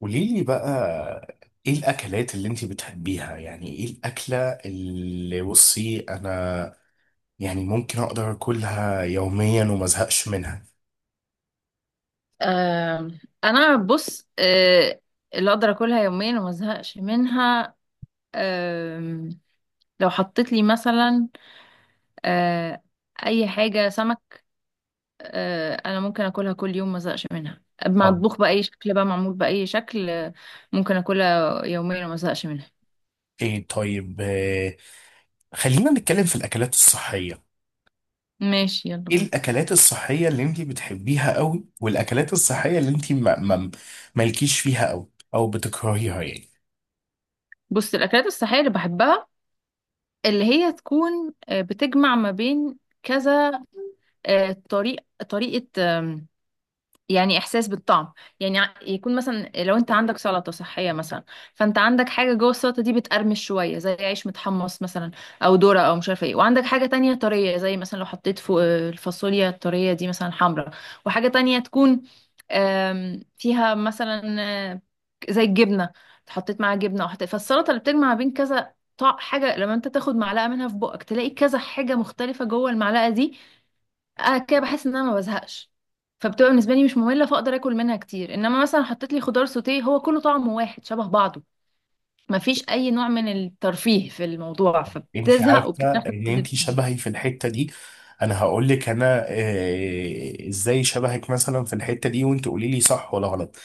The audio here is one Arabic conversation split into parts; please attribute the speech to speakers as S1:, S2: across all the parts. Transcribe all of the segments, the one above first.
S1: قولي لي بقى، ايه الاكلات اللي انت بتحبيها؟ يعني ايه الاكله اللي بصي انا يعني ممكن اقدر اكلها يوميا وما ازهقش منها؟
S2: آه انا بص اللي اقدر اكلها يوميا وما ازهقش منها. آه لو حطيت لي مثلا آه اي حاجه سمك. انا ممكن اكلها كل يوم ما ازهقش منها،
S1: آه.
S2: مطبوخ باي شكل بقى، معمول باي شكل ممكن اكلها يوميا وما ازهقش منها.
S1: ايه طيب، خلينا نتكلم في الاكلات الصحيه.
S2: ماشي، يلا
S1: ايه
S2: بينا.
S1: الاكلات الصحيه اللي انت بتحبيها قوي، والاكلات الصحيه اللي انت ما مالكيش فيها قوي او بتكرهيها يعني؟
S2: بص، الاكلات الصحيه اللي بحبها، اللي هي تكون بتجمع ما بين كذا آه، طريق طريقه، يعني احساس بالطعم. يعني يكون مثلا لو انت عندك سلطه صحيه مثلا، فانت عندك حاجه جوه السلطه دي بتقرمش شويه زي عيش متحمص مثلا، او ذره، او مش عارفه ايه، وعندك حاجه تانية طريه، زي مثلا لو حطيت فوق الفاصوليا الطريه دي مثلا حمراء، وحاجه تانية تكون فيها مثلا آه، زي الجبنه، حطيت معاها جبنه، او حطيت فالسلطه اللي بتجمع بين كذا حاجه، لما انت تاخد معلقه منها في بقك تلاقي كذا حاجه مختلفه جوه المعلقه دي. كده بحس ان انا ما بزهقش، فبتبقى بالنسبه لي مش ممله، فاقدر اكل منها كتير. انما مثلا حطيت لي خضار سوتيه هو كله طعمه واحد شبه بعضه، ما فيش اي نوع من الترفيه في الموضوع،
S1: انت
S2: فبتزهق
S1: عارفه
S2: وبتعرف.
S1: ان انت شبهي في الحته دي. انا هقول لك انا آه، ازاي شبهك مثلا في الحته دي وانت قولي لي صح ولا غلط.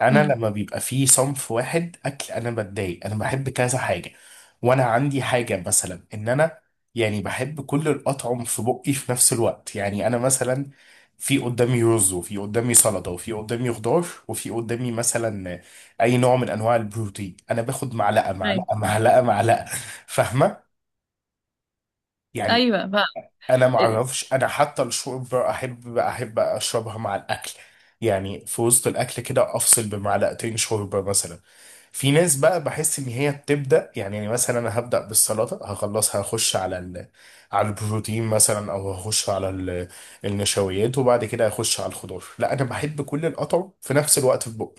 S1: انا
S2: امم.
S1: لما بيبقى في صنف واحد اكل انا بتضايق، انا بحب كذا حاجه. وانا عندي حاجه مثلا ان انا يعني بحب كل الاطعم في بقي في نفس الوقت. يعني انا مثلا في قدامي رز وفي قدامي سلطه وفي قدامي خضار وفي قدامي مثلا اي نوع من انواع البروتين، انا باخد معلقه
S2: ايوه.
S1: معلقه معلقه معلقه، فاهمه يعني؟
S2: ايوه بقى.
S1: انا ما اعرفش، انا حتى الشوربه احب اشربها مع الاكل، يعني في وسط الاكل كده افصل بمعلقتين شوربه مثلا. في ناس بقى بحس ان هي بتبدا، يعني مثلا انا هبدا بالسلطه هخلصها هخش على البروتين مثلا، او هخش على النشويات، وبعد كده هخش على الخضار. لا، انا بحب كل القطع في نفس الوقت في بقي.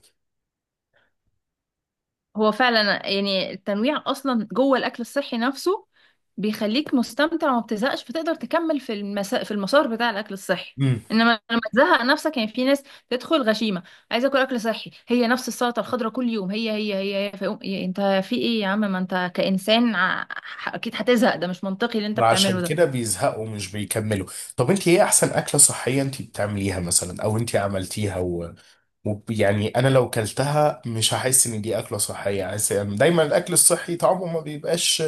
S2: هو فعلا يعني التنويع اصلا جوه الاكل الصحي نفسه بيخليك مستمتع وما بتزهقش، فتقدر تكمل في في المسار بتاع الاكل الصحي. انما لما تزهق نفسك، يعني في ناس تدخل غشيمه عايزه اكل اكل صحي، هي نفس السلطه الخضراء كل يوم، هي هي هي، هي. فيقوم يا انت في ايه يا عم، ما انت كانسان اكيد هتزهق، ده مش منطقي اللي انت
S1: وعشان
S2: بتعمله
S1: كده
S2: ده.
S1: بيزهقوا مش بيكملوا. طب انت ايه احسن اكلة صحية انت بتعمليها مثلا او انت عملتيها يعني انا لو كلتها مش هحس ان دي اكله صحيه؟ عايز يعني، دايما الاكل الصحي طعمه ما بيبقاش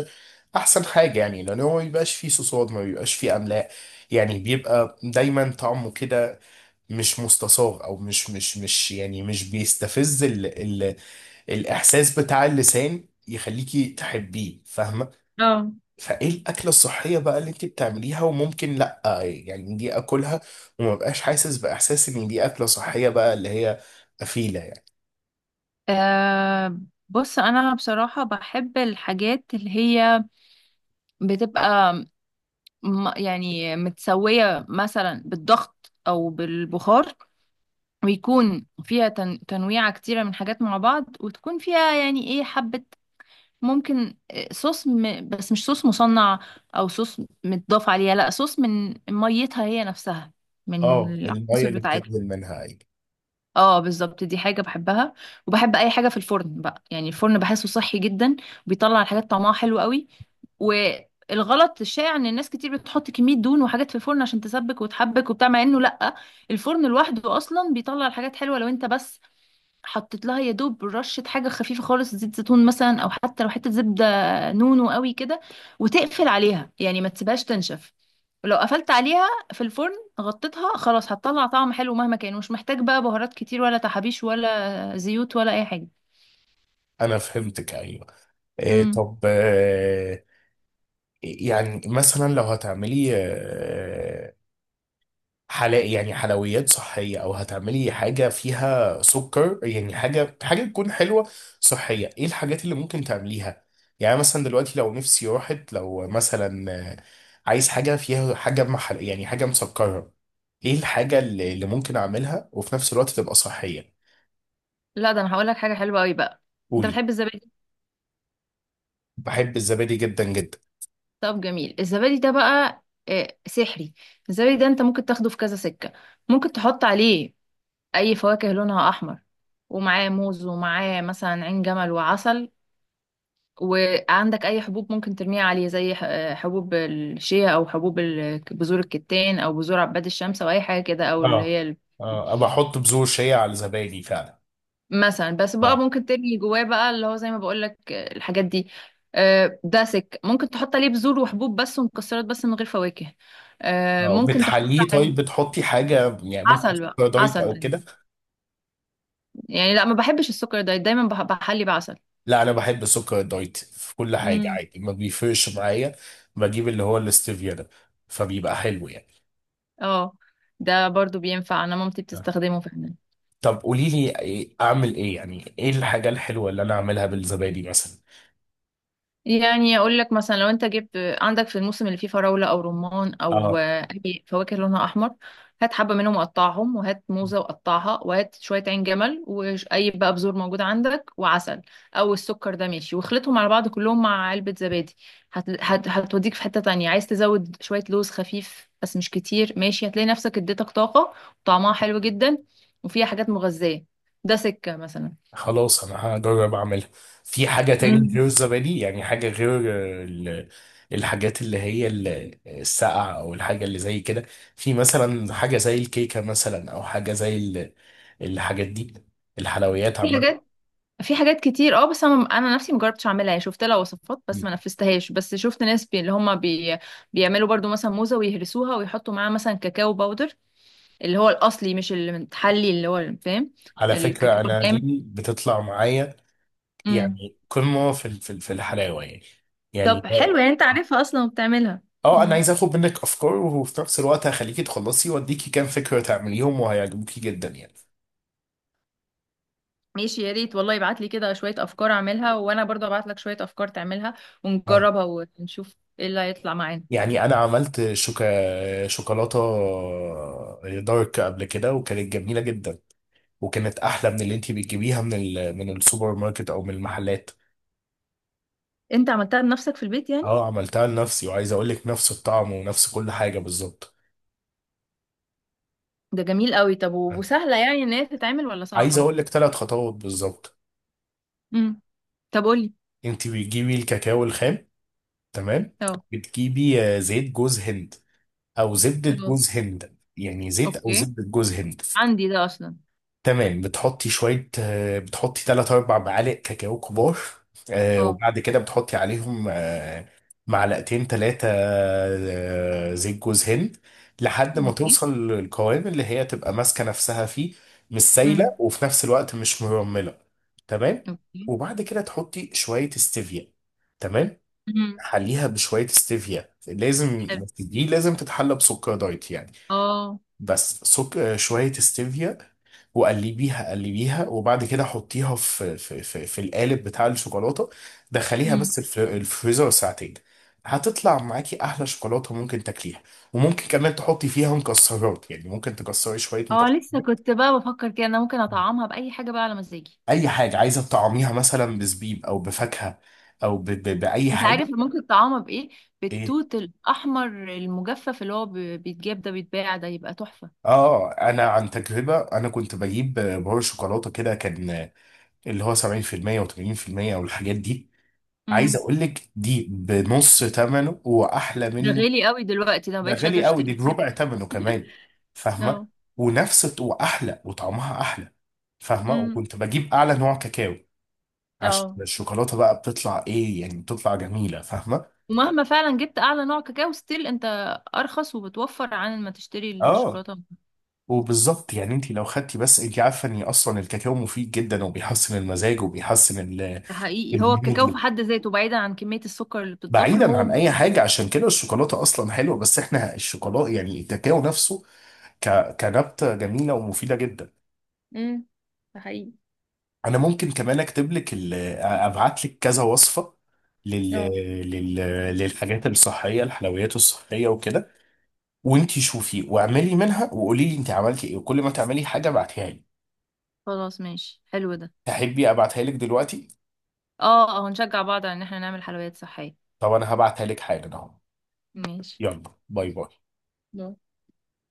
S1: احسن حاجه، يعني لان هو ما بيبقاش فيه صوصات، ما بيبقاش فيه املاح، يعني بيبقى دايما طعمه كده مش مستساغ، او مش مش مش يعني مش بيستفز ال ال الاحساس بتاع اللسان يخليكي تحبيه، فاهمه؟
S2: اه.
S1: فايه الاكله الصحيه بقى اللي انت بتعمليها وممكن لا يعني دي اكلها وما بقاش حاسس باحساس ان دي اكله صحيه بقى، اللي هي افيله يعني؟
S2: آه، بص، انا بصراحة بحب الحاجات اللي هي بتبقى يعني متسوية مثلا بالضغط أو بالبخار، ويكون فيها تنويعة كتيرة من حاجات مع بعض، وتكون فيها يعني ايه حبة، ممكن صوص بس مش صوص مصنع أو صوص متضاف عليها، لا، صوص من ميتها هي نفسها، من
S1: اه، الميه
S2: العناصر
S1: اللي
S2: بتاعتها.
S1: بتنزل منها، ايوه.
S2: اه بالظبط، دي حاجة بحبها. وبحب أي حاجة في الفرن بقى، يعني الفرن بحسه صحي جدا، وبيطلع الحاجات طعمها حلو قوي. والغلط الشائع ان الناس كتير بتحط كمية دهون وحاجات في الفرن عشان تسبك وتحبك وبتاع، مع انه لا، الفرن لوحده اصلا بيطلع الحاجات حلوة، لو انت بس حطيت لها يا دوب رشة حاجة خفيفة خالص، زيت زيتون مثلا، او حتى لو حتة زبدة نونو قوي كده، وتقفل عليها يعني ما تسيبهاش تنشف. لو قفلت عليها في الفرن غطيتها، خلاص هتطلع طعم حلو مهما كان، مش محتاج بقى بهارات كتير ولا تحابيش ولا زيوت ولا اي حاجة.
S1: انا فهمتك، ايوه. إيه
S2: امم.
S1: طب، يعني مثلا لو هتعملي حلا، يعني حلويات صحية، أو هتعملي حاجة فيها سكر، يعني حاجة تكون حلوة صحية، إيه الحاجات اللي ممكن تعمليها؟ يعني مثلا دلوقتي لو نفسي راحت، لو مثلا عايز حاجة فيها حاجة محل، يعني حاجة مسكرة، إيه الحاجة اللي ممكن أعملها وفي نفس الوقت تبقى صحية؟
S2: لا، ده انا هقول لك حاجة حلوة قوي بقى. انت
S1: قولي.
S2: بتحب الزبادي؟
S1: بحب الزبادي جدا جدا.
S2: طب جميل، الزبادي ده بقى سحري. الزبادي ده انت ممكن تاخده في كذا سكة. ممكن تحط عليه اي فواكه لونها احمر، ومعاه موز، ومعاه مثلا عين جمل وعسل. وعندك اي حبوب ممكن ترميها عليه، زي حبوب الشيا، او حبوب بذور الكتان، او بذور عباد الشمس، او اي حاجة كده، او اللي
S1: اه.
S2: هي البذور
S1: اه، أبقى أحط بذور شيا على الزبادي فعلا.
S2: مثلا. بس بقى
S1: اه.
S2: ممكن تبني جواه بقى اللي هو زي ما بقول لك الحاجات دي. داسك ممكن تحط عليه بذور وحبوب بس ومكسرات بس من غير فواكه.
S1: أه،
S2: ممكن تحط
S1: بتحليه؟ طيب
S2: عليه
S1: بتحطي حاجة، يعني ممكن
S2: عسل بقى،
S1: سكر دايت
S2: عسل
S1: أو
S2: دايما
S1: كده؟
S2: يعني. لا، ما بحبش السكر ده، دايما بحلي بعسل.
S1: لا، انا بحب السكر الدايت في كل حاجه
S2: امم.
S1: عادي ما بيفرقش معايا. بجيب اللي هو الاستيفيا ده، فبيبقى حلو يعني.
S2: اه ده برضو بينفع، انا مامتي بتستخدمه فعلا.
S1: طب قولي لي إيه- اعمل ايه، يعني ايه الحاجه الحلوه اللي انا اعملها بالزبادي مثلا؟
S2: يعني اقول لك مثلا لو انت جبت عندك في الموسم اللي فيه فراوله او رمان او
S1: اه.
S2: اي فواكه لونها احمر، هات حبه منهم وقطعهم، وهات موزه وقطعها، وهات شويه عين جمل، واي بقى بذور موجود عندك، وعسل او السكر ده ماشي، واخلطهم على بعض كلهم مع علبه زبادي. هتوديك في حته تانية. عايز تزود شويه لوز خفيف بس مش كتير ماشي، هتلاقي نفسك اديتك طاقه وطعمها حلو جدا وفيها حاجات مغذيه. ده سكه مثلا.
S1: خلاص انا هجرب اعملها. في حاجه تاني
S2: مم.
S1: غير الزبادي؟ يعني حاجه غير آه، ال- الحاجات اللي هي الساقعه، او الحاجه اللي زي كده، في مثلا حاجه زي الكيكه مثلا، او حاجه زي الحاجات دي، الحلويات
S2: في
S1: عامه.
S2: حاجات في حاجات كتير، اه، بس انا نفسي مجربتش اعملها. يعني شفت لها وصفات بس ما نفذتهاش، بس شفت ناس اللي هم بيعملوا برضو مثلا موزه ويهرسوها ويحطوا معاها مثلا كاكاو باودر، اللي هو الاصلي مش المتحلي اللي هو، فاهم؟
S1: على
S2: الكاكاو
S1: فكرة أنا
S2: الجامد.
S1: دي بتطلع معايا،
S2: امم.
S1: يعني قمة في الحلاوة يعني. يعني.
S2: طب حلو، يعني انت عارفها اصلا وبتعملها.
S1: اه، أنا
S2: امم.
S1: عايز آخد منك أفكار، وفي نفس الوقت هخليكي تخلصي وأديكي كام فكرة تعمليهم وهيعجبوكي جدا يعني.
S2: ماشي، يا ريت والله ابعت لي كده شويه افكار اعملها، وانا برضو ابعت لك شويه افكار تعملها
S1: اه.
S2: ونجربها ونشوف ايه اللي هيطلع معانا.
S1: يعني أنا عملت شوكولاتة دارك قبل كده وكانت جميلة جدا، وكانت أحلى من اللي أنتي بتجيبيها من ال من السوبر ماركت أو من المحلات.
S2: انت عملتها بنفسك في البيت يعني؟
S1: اه، عملتها لنفسي، وعايز أقول لك نفس الطعم ونفس كل حاجة بالظبط.
S2: ده جميل قوي. طب وسهله يعني ان هي تتعمل ولا
S1: عايز
S2: صعبه؟
S1: اقول لك ثلاث خطوات بالظبط.
S2: امم. طب قولي.
S1: انت بتجيبي الكاكاو الخام، تمام.
S2: اه.
S1: بتجيبي زيت جوز هند او زبدة
S2: اه.
S1: جوز هند، يعني زيت او
S2: اوكي،
S1: زبدة جوز هند.
S2: عندي ده اصلا.
S1: تمام، بتحطي شوية، بتحطي 3 4 معالق كاكاو كبار،
S2: اه.
S1: وبعد كده بتحطي عليهم معلقتين ثلاثة زيت جوز هند، لحد ما
S2: اوكي.
S1: توصل للقوام اللي هي تبقى ماسكة نفسها فيه، مش سايلة
S2: امم.
S1: وفي نفس الوقت مش مرملة. تمام.
S2: اوكي.
S1: وبعد كده تحطي شوية استevia، تمام.
S2: امم.
S1: حليها بشوية ستيفيا لازم.
S2: حلو.
S1: دي لازم تتحلى بسكر دايت يعني.
S2: اه.
S1: بس سك... آه، شوية ستيفيا، وقلبيها قلبيها، وبعد كده حطيها في القالب بتاع الشوكولاتة. دخليها
S2: امم.
S1: بس الفريزر ساعتين، هتطلع معاكي أحلى شوكولاتة ممكن تاكليها. وممكن كمان تحطي فيها مكسرات، يعني ممكن تكسري شوية
S2: اه، لسه
S1: مكسرات.
S2: كنت بقى بفكر كده انا ممكن اطعمها باي حاجه بقى على مزاجي.
S1: أي حاجة عايزة تطعميها، مثلا بزبيب أو بفاكهة أو بأي
S2: انت
S1: حاجة.
S2: عارف ممكن تطعمها بايه؟
S1: إيه؟
S2: بالتوت الاحمر المجفف، اللي هو بيتجاب ده، بيتباع ده، يبقى تحفه.
S1: اه، انا عن تجربه انا كنت بجيب بار شوكولاته كده كان اللي هو 70% و80% او الحاجات دي. عايز
S2: امم.
S1: اقول لك دي بنص ثمنه واحلى
S2: ده
S1: منه.
S2: غالي قوي دلوقتي، ده ما
S1: ده
S2: بقتش قادره
S1: غالي قوي،
S2: اشتري.
S1: دي بربع ثمنه كمان، فاهمه؟
S2: اه.
S1: ونفس واحلى، وطعمها احلى، فاهمه؟
S2: امم.
S1: وكنت بجيب اعلى نوع كاكاو عشان
S2: اه.
S1: الشوكولاته بقى بتطلع ايه، يعني بتطلع جميله، فاهمه؟
S2: ومهما فعلا جبت اعلى نوع كاكاو، ستيل انت ارخص وبتوفر عن ما تشتري
S1: اه.
S2: الشوكولاته.
S1: وبالظبط، يعني انت لو خدتي بس، انت عارفه ان اصلا الكاكاو مفيد جدا وبيحسن المزاج وبيحسن
S2: ده حقيقي، هو الكاكاو في
S1: الهدوء،
S2: حد ذاته، بعيدا عن كمية السكر اللي بتضاف له،
S1: بعيدا عن
S2: هو.
S1: اي حاجه، عشان كده الشوكولاته اصلا حلوه. بس احنا الشوكولاته يعني الكاكاو نفسه، ك... كنبته جميله ومفيده جدا.
S2: امم. ده حقيقي.
S1: انا ممكن كمان اكتب لك ابعت لك كذا وصفه لل...
S2: اه.
S1: لل... للحاجات الصحيه، الحلويات الصحيه وكده، وانتي شوفي واعملي منها وقولي لي انت عملتي ايه، وكل ما تعملي حاجه ابعتيها لي.
S2: خلاص ماشي، حلو ده.
S1: تحبي ابعتها لك دلوقتي؟
S2: اه. اه، هنشجع بعض على ان احنا نعمل حلويات صحية.
S1: طب انا هبعتها لك حالا اهو.
S2: ماشي.
S1: يلا، باي باي.